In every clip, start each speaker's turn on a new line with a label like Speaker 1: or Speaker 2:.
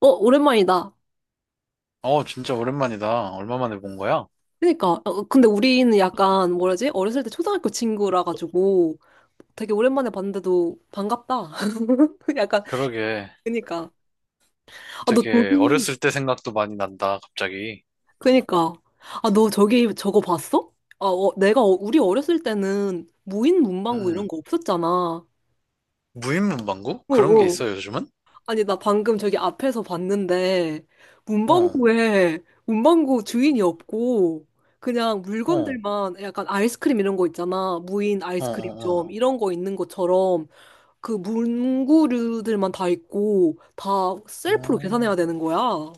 Speaker 1: 어, 오랜만이다.
Speaker 2: 어, 진짜 오랜만이다. 얼마 만에 본 거야?
Speaker 1: 그니까. 근데 우리는 약간, 뭐라지? 어렸을 때 초등학교 친구라 가지고 되게 오랜만에 봤는데도 반갑다. 약간,
Speaker 2: 그러게.
Speaker 1: 그니까. 아, 너
Speaker 2: 되게
Speaker 1: 저기.
Speaker 2: 어렸을 때 생각도 많이 난다, 갑자기.
Speaker 1: 그니까. 아, 너 저기 저거 봤어? 아, 우리 어렸을 때는 무인
Speaker 2: 음,
Speaker 1: 문방구 이런
Speaker 2: 음.
Speaker 1: 거 없었잖아.
Speaker 2: 무인문방구? 그런 게
Speaker 1: 어어.
Speaker 2: 있어, 요즘은?
Speaker 1: 아니, 나 방금 저기 앞에서 봤는데,
Speaker 2: 어, 어,
Speaker 1: 문방구 주인이 없고, 그냥
Speaker 2: 어,
Speaker 1: 물건들만 약간 아이스크림 이런 거 있잖아. 무인
Speaker 2: 어, 어.
Speaker 1: 아이스크림점, 이런 거 있는 것처럼, 그 문구류들만 다 있고, 다 셀프로
Speaker 2: 어,
Speaker 1: 계산해야 되는 거야. 아,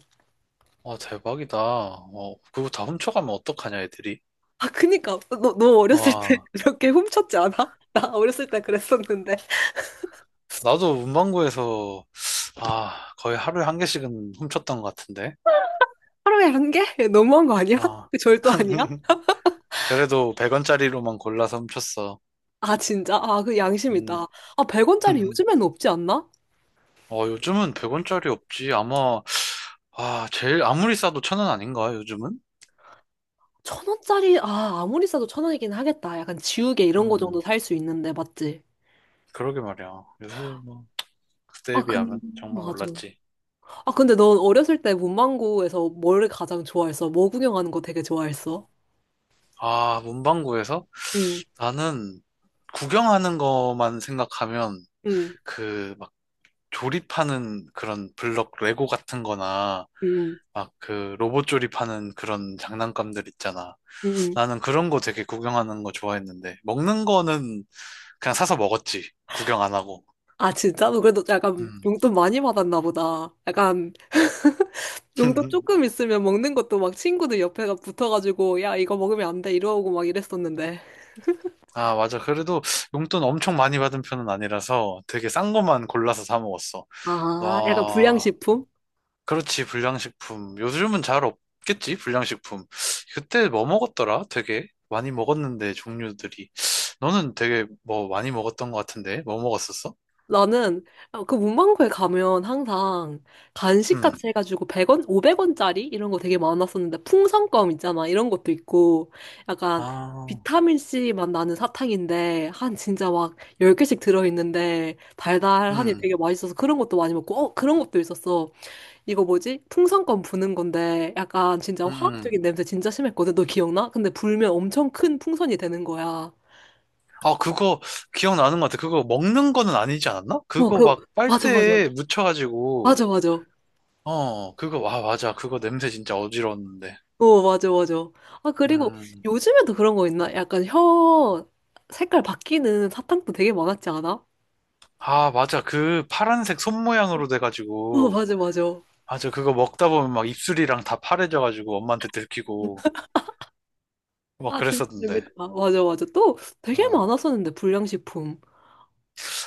Speaker 2: 와, 대박이다. 어, 그거 다 훔쳐가면 어떡하냐, 애들이.
Speaker 1: 그니까. 너 어렸을 때
Speaker 2: 와,
Speaker 1: 이렇게 훔쳤지 않아? 나 어렸을 때 그랬었는데.
Speaker 2: 나도 문방구에서, 아, 거의 하루에 한 개씩은 훔쳤던 것 같은데.
Speaker 1: 하루에 한 개? 너무한 거 아니야?
Speaker 2: 아.
Speaker 1: 그 절도 아니야?
Speaker 2: 그래도 100원짜리로만 골라서 훔쳤어.
Speaker 1: 아, 진짜? 아, 그 양심
Speaker 2: 음.
Speaker 1: 있다. 아, 100원짜리 요즘에는 없지 않나?
Speaker 2: 어, 요즘은 100원짜리 없지. 아마 아, 제일 아무리 싸도 천 원 아닌가, 요즘은?
Speaker 1: 천 원짜리, 아, 아무리 싸도 천 원이긴 하겠다. 약간 지우개 이런 거 정도
Speaker 2: 음,
Speaker 1: 살 수 있는데, 맞지?
Speaker 2: 그러게 말이야. 요새 뭐, 그때에
Speaker 1: 아,
Speaker 2: 비하면 정말
Speaker 1: 맞아.
Speaker 2: 올랐지.
Speaker 1: 아, 근데 넌 어렸을 때 문방구에서 뭘 가장 좋아했어? 뭐 구경하는 거 되게 좋아했어?
Speaker 2: 아, 문방구에서?
Speaker 1: 응,
Speaker 2: 나는 구경하는 것만 생각하면
Speaker 1: 응,
Speaker 2: 그 막 조립하는 그런 블럭 레고 같은 거나
Speaker 1: 응,
Speaker 2: 막 그 로봇 조립하는 그런 장난감들 있잖아.
Speaker 1: 응. 응.
Speaker 2: 나는 그런 거 되게 구경하는 거 좋아했는데 먹는 거는 그냥 사서 먹었지. 구경 안 하고.
Speaker 1: 아, 진짜? 너 그래도 약간
Speaker 2: 음.
Speaker 1: 용돈 많이 받았나 보다. 약간 용돈 조금 있으면 먹는 것도 막 친구들 옆에가 붙어가지고, 야, 이거 먹으면 안 돼. 이러고 막 이랬었는데.
Speaker 2: 아, 맞아. 그래도 용돈 엄청 많이 받은 편은 아니라서 되게 싼 것만 골라서 사 먹었어.
Speaker 1: 아, 약간
Speaker 2: 와,
Speaker 1: 불량식품?
Speaker 2: 그렇지. 불량식품. 요즘은 잘 없겠지? 불량식품. 그때 뭐 먹었더라? 되게 많이 먹었는데, 종류들이. 너는 되게 뭐 많이 먹었던 것 같은데? 뭐 먹었었어?
Speaker 1: 나는 그 문방구에 가면 항상 간식
Speaker 2: 음.
Speaker 1: 같이 해가지고 100원, 500원짜리 이런 거 되게 많았었는데 풍선껌 있잖아. 이런 것도 있고 약간
Speaker 2: 아,
Speaker 1: 비타민C 맛 나는 사탕인데 한 진짜 막 10개씩 들어있는데 달달하니
Speaker 2: 음,
Speaker 1: 되게 맛있어서 그런 것도 많이 먹고, 그런 것도 있었어. 이거 뭐지? 풍선껌 부는 건데 약간 진짜
Speaker 2: 음, 음.
Speaker 1: 화학적인 냄새 진짜 심했거든. 너 기억나? 근데 불면 엄청 큰 풍선이 되는 거야.
Speaker 2: 아, 그거 기억나는 것 같아. 그거 먹는 거는 아니지 않았나?
Speaker 1: 어,
Speaker 2: 그거
Speaker 1: 그
Speaker 2: 막
Speaker 1: 맞아 맞아.
Speaker 2: 빨대에 묻혀가지고.
Speaker 1: 맞아 맞아.
Speaker 2: 어, 그거, 와, 맞아. 그거 냄새 진짜 어지러웠는데.
Speaker 1: 어, 맞아, 맞아. 아, 그리고
Speaker 2: 음.
Speaker 1: 요즘에도 그런 거 있나? 약간 혀 색깔 바뀌는 사탕도 되게 많았지 않아?
Speaker 2: 아, 맞아. 그 파란색 손 모양으로
Speaker 1: 어,
Speaker 2: 돼가지고.
Speaker 1: 맞아, 맞아.
Speaker 2: 맞아. 그거 먹다 보면 막 입술이랑 다 파래져가지고 엄마한테 들키고. 막
Speaker 1: 아, 진짜
Speaker 2: 그랬었는데.
Speaker 1: 재밌다. 맞아, 맞아. 또 되게
Speaker 2: 어.
Speaker 1: 많았었는데, 불량식품.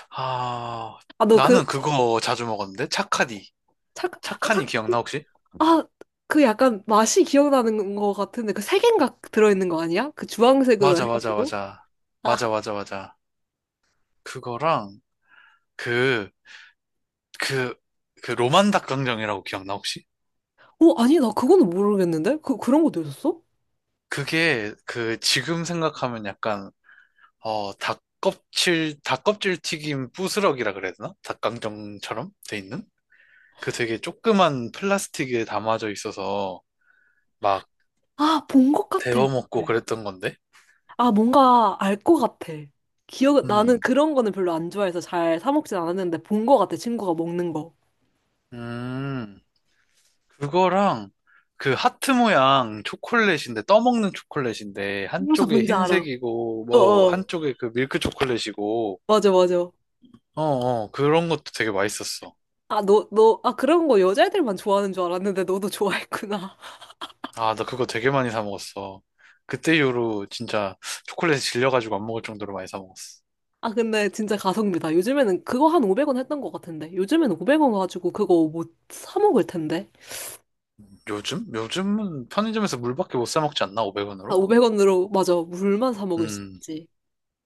Speaker 2: 아,
Speaker 1: 아, 너
Speaker 2: 나는 그거 자주 먹었는데? 착하니.
Speaker 1: 착,
Speaker 2: 착하니
Speaker 1: 착,
Speaker 2: 기억나, 혹시?
Speaker 1: 아, 그 약간 맛이 기억나는 거 같은데, 그 세 개인가 들어있는 거 아니야? 그 주황색으로
Speaker 2: 맞아, 맞아,
Speaker 1: 해가지고.
Speaker 2: 맞아.
Speaker 1: 아,
Speaker 2: 맞아, 맞아, 맞아. 그거랑 그, 그, 그 로만 닭강정이라고 기억나, 혹시?
Speaker 1: 아니, 나 그거는 모르겠는데? 그런 것도 있었어?
Speaker 2: 그게 그 지금 생각하면 약간 어, 닭껍질 튀김 부스럭이라 그래야 되나? 닭강정처럼 돼 있는? 그 되게 조그만 플라스틱에 담아져 있어서 막
Speaker 1: 아, 본 것 같아.
Speaker 2: 데워 먹고 그랬던 건데?
Speaker 1: 아, 뭔가 알 것 같아. 나는
Speaker 2: 음,
Speaker 1: 그런 거는 별로 안 좋아해서 잘 사 먹진 않았는데 본 것 같아, 친구가 먹는 거.
Speaker 2: 음, 그거랑 그 하트 모양 초콜릿인데, 떠먹는 초콜릿인데,
Speaker 1: 홍사
Speaker 2: 한쪽에
Speaker 1: 뭔지 알아.
Speaker 2: 흰색이고, 뭐,
Speaker 1: 어어.
Speaker 2: 한쪽에 그 밀크 초콜릿이고,
Speaker 1: 맞아, 맞아.
Speaker 2: 어, 어, 그런 것도 되게 맛있었어.
Speaker 1: 아, 아, 그런 거 여자애들만 좋아하는 줄 알았는데 너도 좋아했구나.
Speaker 2: 아, 나 그거 되게 많이 사 먹었어. 그때 이후로 진짜 초콜릿에 질려가지고 안 먹을 정도로 많이 사 먹었어.
Speaker 1: 아, 근데 진짜 가성비다. 요즘에는 그거 한 500원 했던 것 같은데. 요즘에는 500원 가지고 그거 못 사 먹을 텐데.
Speaker 2: 요즘? 요즘은 편의점에서 물밖에 못 사 먹지 않나?
Speaker 1: 아,
Speaker 2: 500원으로?
Speaker 1: 500원으로, 맞아. 물만 사 먹을 수
Speaker 2: 음,
Speaker 1: 있지.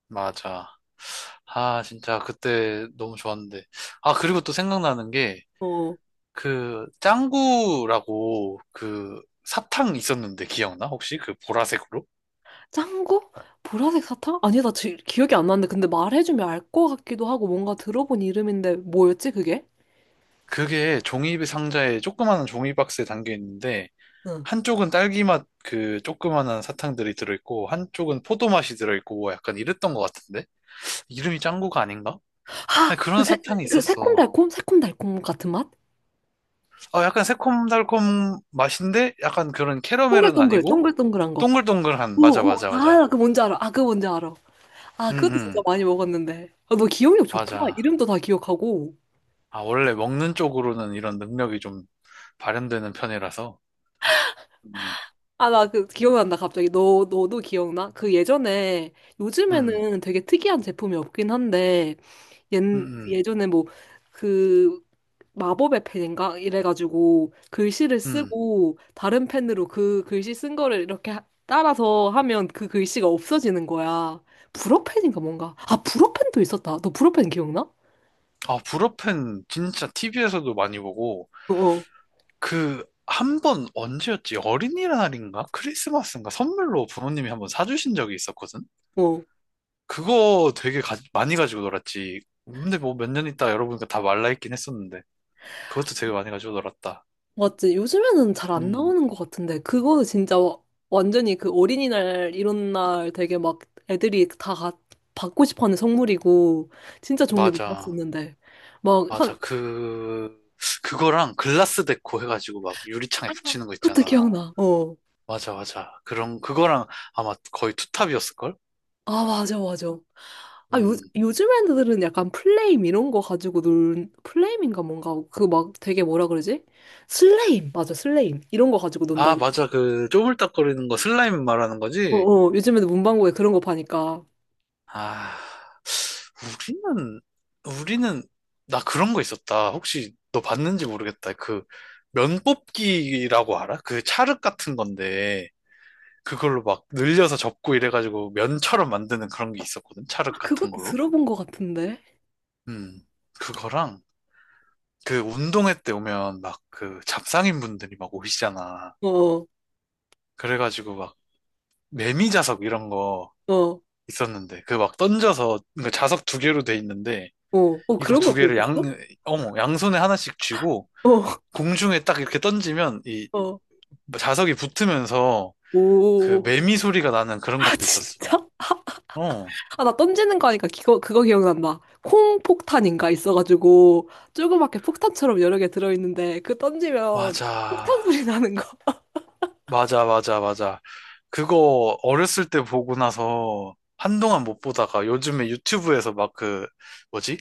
Speaker 2: 맞아. 아, 진짜 그때 너무 좋았는데. 아, 그리고 또 생각나는 게,
Speaker 1: 어.
Speaker 2: 그, 짱구라고 그 사탕 있었는데 기억나? 혹시 그 보라색으로?
Speaker 1: 짠 거? 보라색 사탕? 아니, 나 기억이 안 나는데. 근데 말해주면 알 것 같기도 하고, 뭔가 들어본 이름인데, 뭐였지, 그게?
Speaker 2: 그게 종이 상자에 조그마한 종이 박스에 담겨 있는데,
Speaker 1: 응.
Speaker 2: 한쪽은 딸기 맛 그 조그마한 사탕들이 들어있고, 한쪽은 포도 맛이 들어있고, 뭐 약간 이랬던 것 같은데? 이름이 짱구가 아닌가?
Speaker 1: 아!
Speaker 2: 아니, 그런 사탕이
Speaker 1: 그
Speaker 2: 있었어.
Speaker 1: 새콤달콤? 새콤달콤 같은 맛?
Speaker 2: 어, 약간 새콤달콤 맛인데 약간 그런 캐러멜은 아니고
Speaker 1: 동글동글한 거.
Speaker 2: 동글동글한
Speaker 1: 오,
Speaker 2: 맞아
Speaker 1: 오,
Speaker 2: 맞아
Speaker 1: 아,
Speaker 2: 맞아.
Speaker 1: 나그 뭔지 알아. 아, 그 뭔지 알아. 아, 그것도
Speaker 2: 응응
Speaker 1: 진짜 많이 먹었는데. 아, 너 기억력 좋다.
Speaker 2: 맞아.
Speaker 1: 이름도 다 기억하고.
Speaker 2: 아 원래 먹는 쪽으로는 이런 능력이 좀 발현되는 편이라서. 음.
Speaker 1: 아, 나 그 기억난다, 갑자기. 너도 기억나? 그 예전에,
Speaker 2: 음.
Speaker 1: 요즘에는 되게 특이한 제품이 없긴 한데, 옛,
Speaker 2: 음.
Speaker 1: 그
Speaker 2: 음.
Speaker 1: 예전에 뭐, 그, 마법의 펜인가? 이래가지고, 글씨를
Speaker 2: 음.
Speaker 1: 쓰고, 다른 펜으로 그 글씨 쓴 거를 이렇게 따라서 하면 그 글씨가 없어지는 거야. 불어펜인가 뭔가? 아, 불어펜도 있었다. 너 불어펜 기억나?
Speaker 2: 아 불어팬 진짜 TV에서도 많이 보고
Speaker 1: 어,
Speaker 2: 그 한 번 언제였지? 어린이날인가? 크리스마스인가? 선물로 부모님이 한 번 사주신 적이 있었거든.
Speaker 1: 어.
Speaker 2: 그거 되게 많이 가지고 놀았지. 근데 뭐 몇 년 있다 열어보니까 다 말라있긴 했었는데. 그것도 되게 많이 가지고 놀았다.
Speaker 1: 맞지. 요즘에는 잘 안
Speaker 2: 음,
Speaker 1: 나오는 것 같은데, 그거는 진짜 완전히 그 어린이날, 이런 날 되게 막 애들이 다 받고 싶어 하는 선물이고, 진짜 종류
Speaker 2: 맞아.
Speaker 1: 많았었는데. 막,
Speaker 2: 맞아.
Speaker 1: 한.
Speaker 2: 그, 그거랑 글라스 데코 해가지고 막 유리창에 붙이는 거
Speaker 1: 그것도
Speaker 2: 있잖아.
Speaker 1: 기억나. 어.
Speaker 2: 맞아, 맞아. 그런, 그거랑 아마 거의 투탑이었을걸?
Speaker 1: 아, 맞아, 맞아. 아,
Speaker 2: 음.
Speaker 1: 요즘 애들은 약간 플레임 이런 거 가지고 플레임인가 뭔가, 그 막 되게 뭐라 그러지? 슬레임! 맞아, 슬레임. 이런 거 가지고 논다.
Speaker 2: 아, 맞아. 그, 쪼물딱거리는 거 슬라임 말하는
Speaker 1: 어,
Speaker 2: 거지?
Speaker 1: 어, 요즘 애들 문방구에 그런 거 파니까.
Speaker 2: 아, 우리는, 우리는, 나 그런 거 있었다. 혹시 너 봤는지 모르겠다. 그, 면 뽑기라고 알아? 그 찰흙 같은 건데. 그걸로 막 늘려서 접고 이래가지고 면처럼 만드는 그런 게 있었거든. 찰흙
Speaker 1: 아,
Speaker 2: 같은
Speaker 1: 그것도
Speaker 2: 걸로.
Speaker 1: 들어본 것 같은데?
Speaker 2: 음. 그거랑 그 운동회 때 오면 막 그 잡상인 분들이 막 오시잖아.
Speaker 1: 어, 어,
Speaker 2: 그래가지고 막 매미 자석 이런 거
Speaker 1: 어,
Speaker 2: 있었는데 그 막 던져서 그 자석 2개로 돼 있는데
Speaker 1: 어, 어,
Speaker 2: 이거
Speaker 1: 그런
Speaker 2: 두
Speaker 1: 것도
Speaker 2: 개를
Speaker 1: 있었어?
Speaker 2: 어머, 양손에 하나씩 쥐고
Speaker 1: 어,
Speaker 2: 공중에 딱 이렇게 던지면 이
Speaker 1: 어,
Speaker 2: 자석이 붙으면서 그
Speaker 1: 오.
Speaker 2: 매미 소리가 나는 그런
Speaker 1: 아,
Speaker 2: 것도 있었어.
Speaker 1: 진짜?
Speaker 2: 어,
Speaker 1: 아, 나 던지는 거 하니까 그거 기억난다. 콩 폭탄인가 있어가지고, 조그맣게 폭탄처럼 여러 개 들어있는데, 그 던지면
Speaker 2: 맞아.
Speaker 1: 폭탄 소리 나는 거.
Speaker 2: 맞아, 맞아, 맞아. 그거 어렸을 때 보고 나서 한동안 못 보다가 요즘에 유튜브에서 막 그, 뭐지?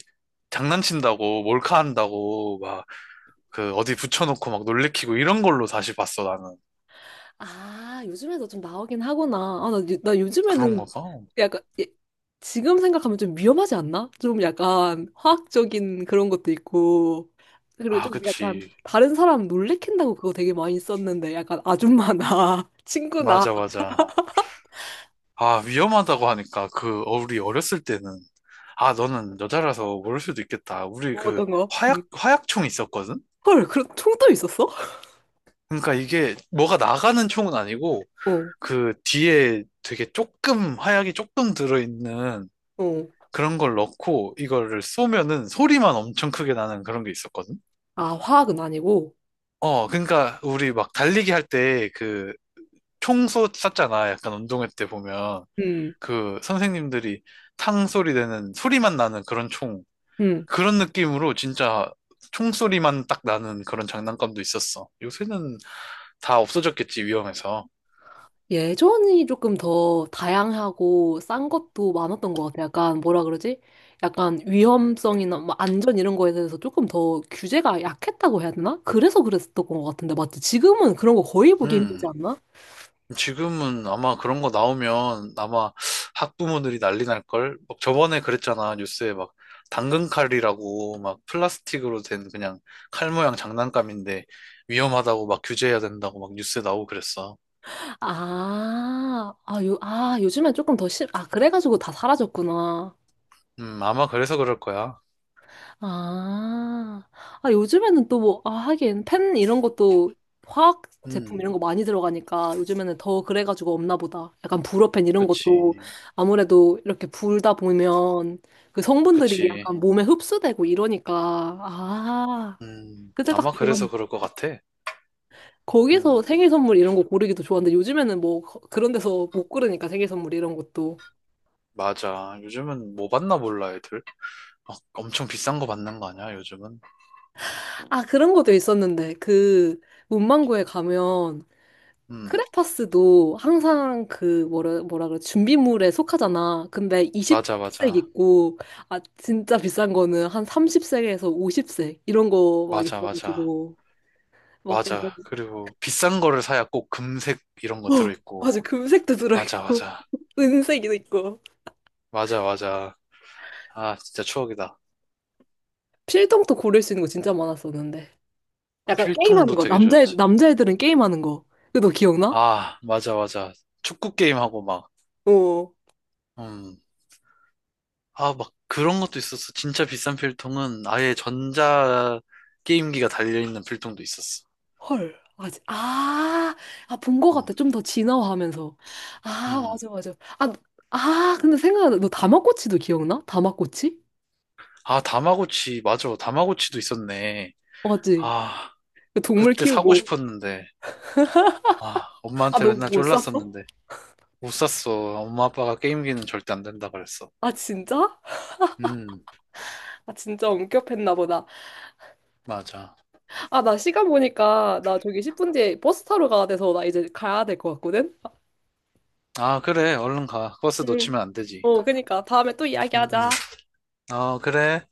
Speaker 2: 장난친다고, 몰카 한다고, 막, 그, 어디 붙여놓고 막 놀래키고 이런 걸로 다시 봤어, 나는.
Speaker 1: 아, 요즘에도 좀 나오긴 하구나. 아, 나
Speaker 2: 그런
Speaker 1: 요즘에는
Speaker 2: 거가
Speaker 1: 약간, 예, 지금 생각하면 좀 위험하지 않나? 좀 약간 화학적인 그런 것도 있고, 그리고
Speaker 2: 아,
Speaker 1: 좀 약간
Speaker 2: 그치.
Speaker 1: 다른 사람 놀래킨다고 그거 되게 많이 썼는데, 약간 아줌마나 친구나
Speaker 2: 맞아, 맞아. 아, 위험하다고 하니까, 그, 어, 우리 어렸을 때는. 아, 너는 여자라서 모를 수도 있겠다. 우리
Speaker 1: 뭐
Speaker 2: 그,
Speaker 1: 어떤 거. 음.
Speaker 2: 화약총 있었거든?
Speaker 1: 헐, 그런 총도 있었어?
Speaker 2: 그러니까 이게 뭐가 나가는 총은 아니고,
Speaker 1: 어,
Speaker 2: 그 뒤에 되게 조금 하얗게 조금 들어있는
Speaker 1: 어.
Speaker 2: 그런 걸 넣고 이거를 쏘면은 소리만 엄청 크게 나는 그런 게 있었거든.
Speaker 1: 아, 화학은 아니고.
Speaker 2: 어, 그러니까 우리 막 달리기 할 때 그 총 쐈잖아. 약간 운동회 때 보면
Speaker 1: 음.
Speaker 2: 그 선생님들이 탕 소리 되는 소리만 나는 그런 총
Speaker 1: 음.
Speaker 2: 그런 느낌으로 진짜 총 소리만 딱 나는 그런 장난감도 있었어. 요새는 다 없어졌겠지 위험해서.
Speaker 1: 예전이 조금 더 다양하고 싼 것도 많았던 것 같아. 약간 뭐라 그러지? 약간 위험성이나 뭐 안전 이런 거에 대해서 조금 더 규제가 약했다고 해야 되나? 그래서 그랬었던 것 같은데, 맞지? 지금은 그런 거 거의 보기 힘들지
Speaker 2: 음.
Speaker 1: 않나?
Speaker 2: 지금은 아마 그런 거 나오면 아마 학부모들이 난리 날걸? 막 저번에 그랬잖아. 뉴스에 막 당근칼이라고 막 플라스틱으로 된 그냥 칼 모양 장난감인데 위험하다고 막 규제해야 된다고 막 뉴스에 나오고 그랬어.
Speaker 1: 아, 요즘엔 조금 더 아, 그래가지고 다 사라졌구나.
Speaker 2: 아마 그래서 그럴 거야.
Speaker 1: 아, 요즘에는 또 뭐, 아, 하긴, 펜 이런 것도 화학 제품
Speaker 2: 음,
Speaker 1: 이런 거 많이 들어가니까 요즘에는 더 그래가지고 없나 보다. 약간 불어펜 이런 것도
Speaker 2: 그치.
Speaker 1: 아무래도 이렇게 불다 보면 그 성분들이
Speaker 2: 그치.
Speaker 1: 약간 몸에 흡수되고 이러니까. 아, 그때 딱
Speaker 2: 아마
Speaker 1: 좋았네.
Speaker 2: 그래서 그럴 것 같아.
Speaker 1: 거기서
Speaker 2: 음,
Speaker 1: 생일 선물 이런 거 고르기도 좋았는데 요즘에는 뭐 그런 데서 못 고르니까 생일 선물 이런 것도.
Speaker 2: 맞아. 요즘은 뭐 받나 몰라, 애들. 막 엄청 비싼 거 받는 거 아니야, 요즘은?
Speaker 1: 아, 그런 것도 있었는데 그 문방구에 가면
Speaker 2: 음,
Speaker 1: 크레파스도 항상 그 뭐라 뭐라 그래 준비물에 속하잖아. 근데
Speaker 2: 맞아,
Speaker 1: 20색
Speaker 2: 맞아.
Speaker 1: 있고, 아 진짜 비싼 거는 한 30색에서 50색 이런 거 막
Speaker 2: 맞아, 맞아.
Speaker 1: 있어가지고 막 약간,
Speaker 2: 맞아. 그리고 비싼 거를 사야 꼭 금색 이런 거
Speaker 1: 어,
Speaker 2: 들어있고.
Speaker 1: 맞아, 금색도
Speaker 2: 맞아,
Speaker 1: 들어있고
Speaker 2: 맞아.
Speaker 1: 은색이도 있고
Speaker 2: 맞아, 맞아. 아, 진짜 추억이다.
Speaker 1: 필통도 고를 수 있는 거 진짜 많았었는데 약간 게임하는
Speaker 2: 필통도
Speaker 1: 거,
Speaker 2: 되게
Speaker 1: 남자애
Speaker 2: 좋았지.
Speaker 1: 남자애들은 게임하는 거. 그거 너 기억나?
Speaker 2: 아, 맞아, 맞아. 축구 게임하고 막,
Speaker 1: 어.
Speaker 2: 음. 아, 막 그런 것도 있었어. 진짜 비싼 필통은 아예 전자 게임기가 달려있는 필통도 있었어.
Speaker 1: 헐. 아, 본 것
Speaker 2: 음,
Speaker 1: 같아. 좀 더 진화하면서. 아,
Speaker 2: 음.
Speaker 1: 맞아, 맞아. 아, 근데 생각나. 너 다마꼬치도 기억나? 다마꼬치?
Speaker 2: 아, 다마고치. 맞아. 다마고치도 있었네.
Speaker 1: 맞지?
Speaker 2: 아,
Speaker 1: 그 동물
Speaker 2: 그때 사고
Speaker 1: 키우고.
Speaker 2: 싶었는데. 아,
Speaker 1: 아,
Speaker 2: 엄마한테
Speaker 1: 너
Speaker 2: 맨날
Speaker 1: 못 샀어?
Speaker 2: 쫄랐었는데. 못 샀어. 엄마 아빠가 게임기는 절대 안 된다 그랬어.
Speaker 1: 아, 진짜?
Speaker 2: 음,
Speaker 1: 아, 진짜 엄격했나 보다.
Speaker 2: 맞아.
Speaker 1: 아, 나 시간 보니까 나 저기 10분 뒤에 버스 타러 가야 돼서 나 이제 가야 될 것 같거든?
Speaker 2: 아, 그래. 얼른 가. 버스
Speaker 1: 응.
Speaker 2: 놓치면 안 되지.
Speaker 1: 어, 그니까. 다음에 또
Speaker 2: 음,
Speaker 1: 이야기하자.
Speaker 2: 음. 어, 그래.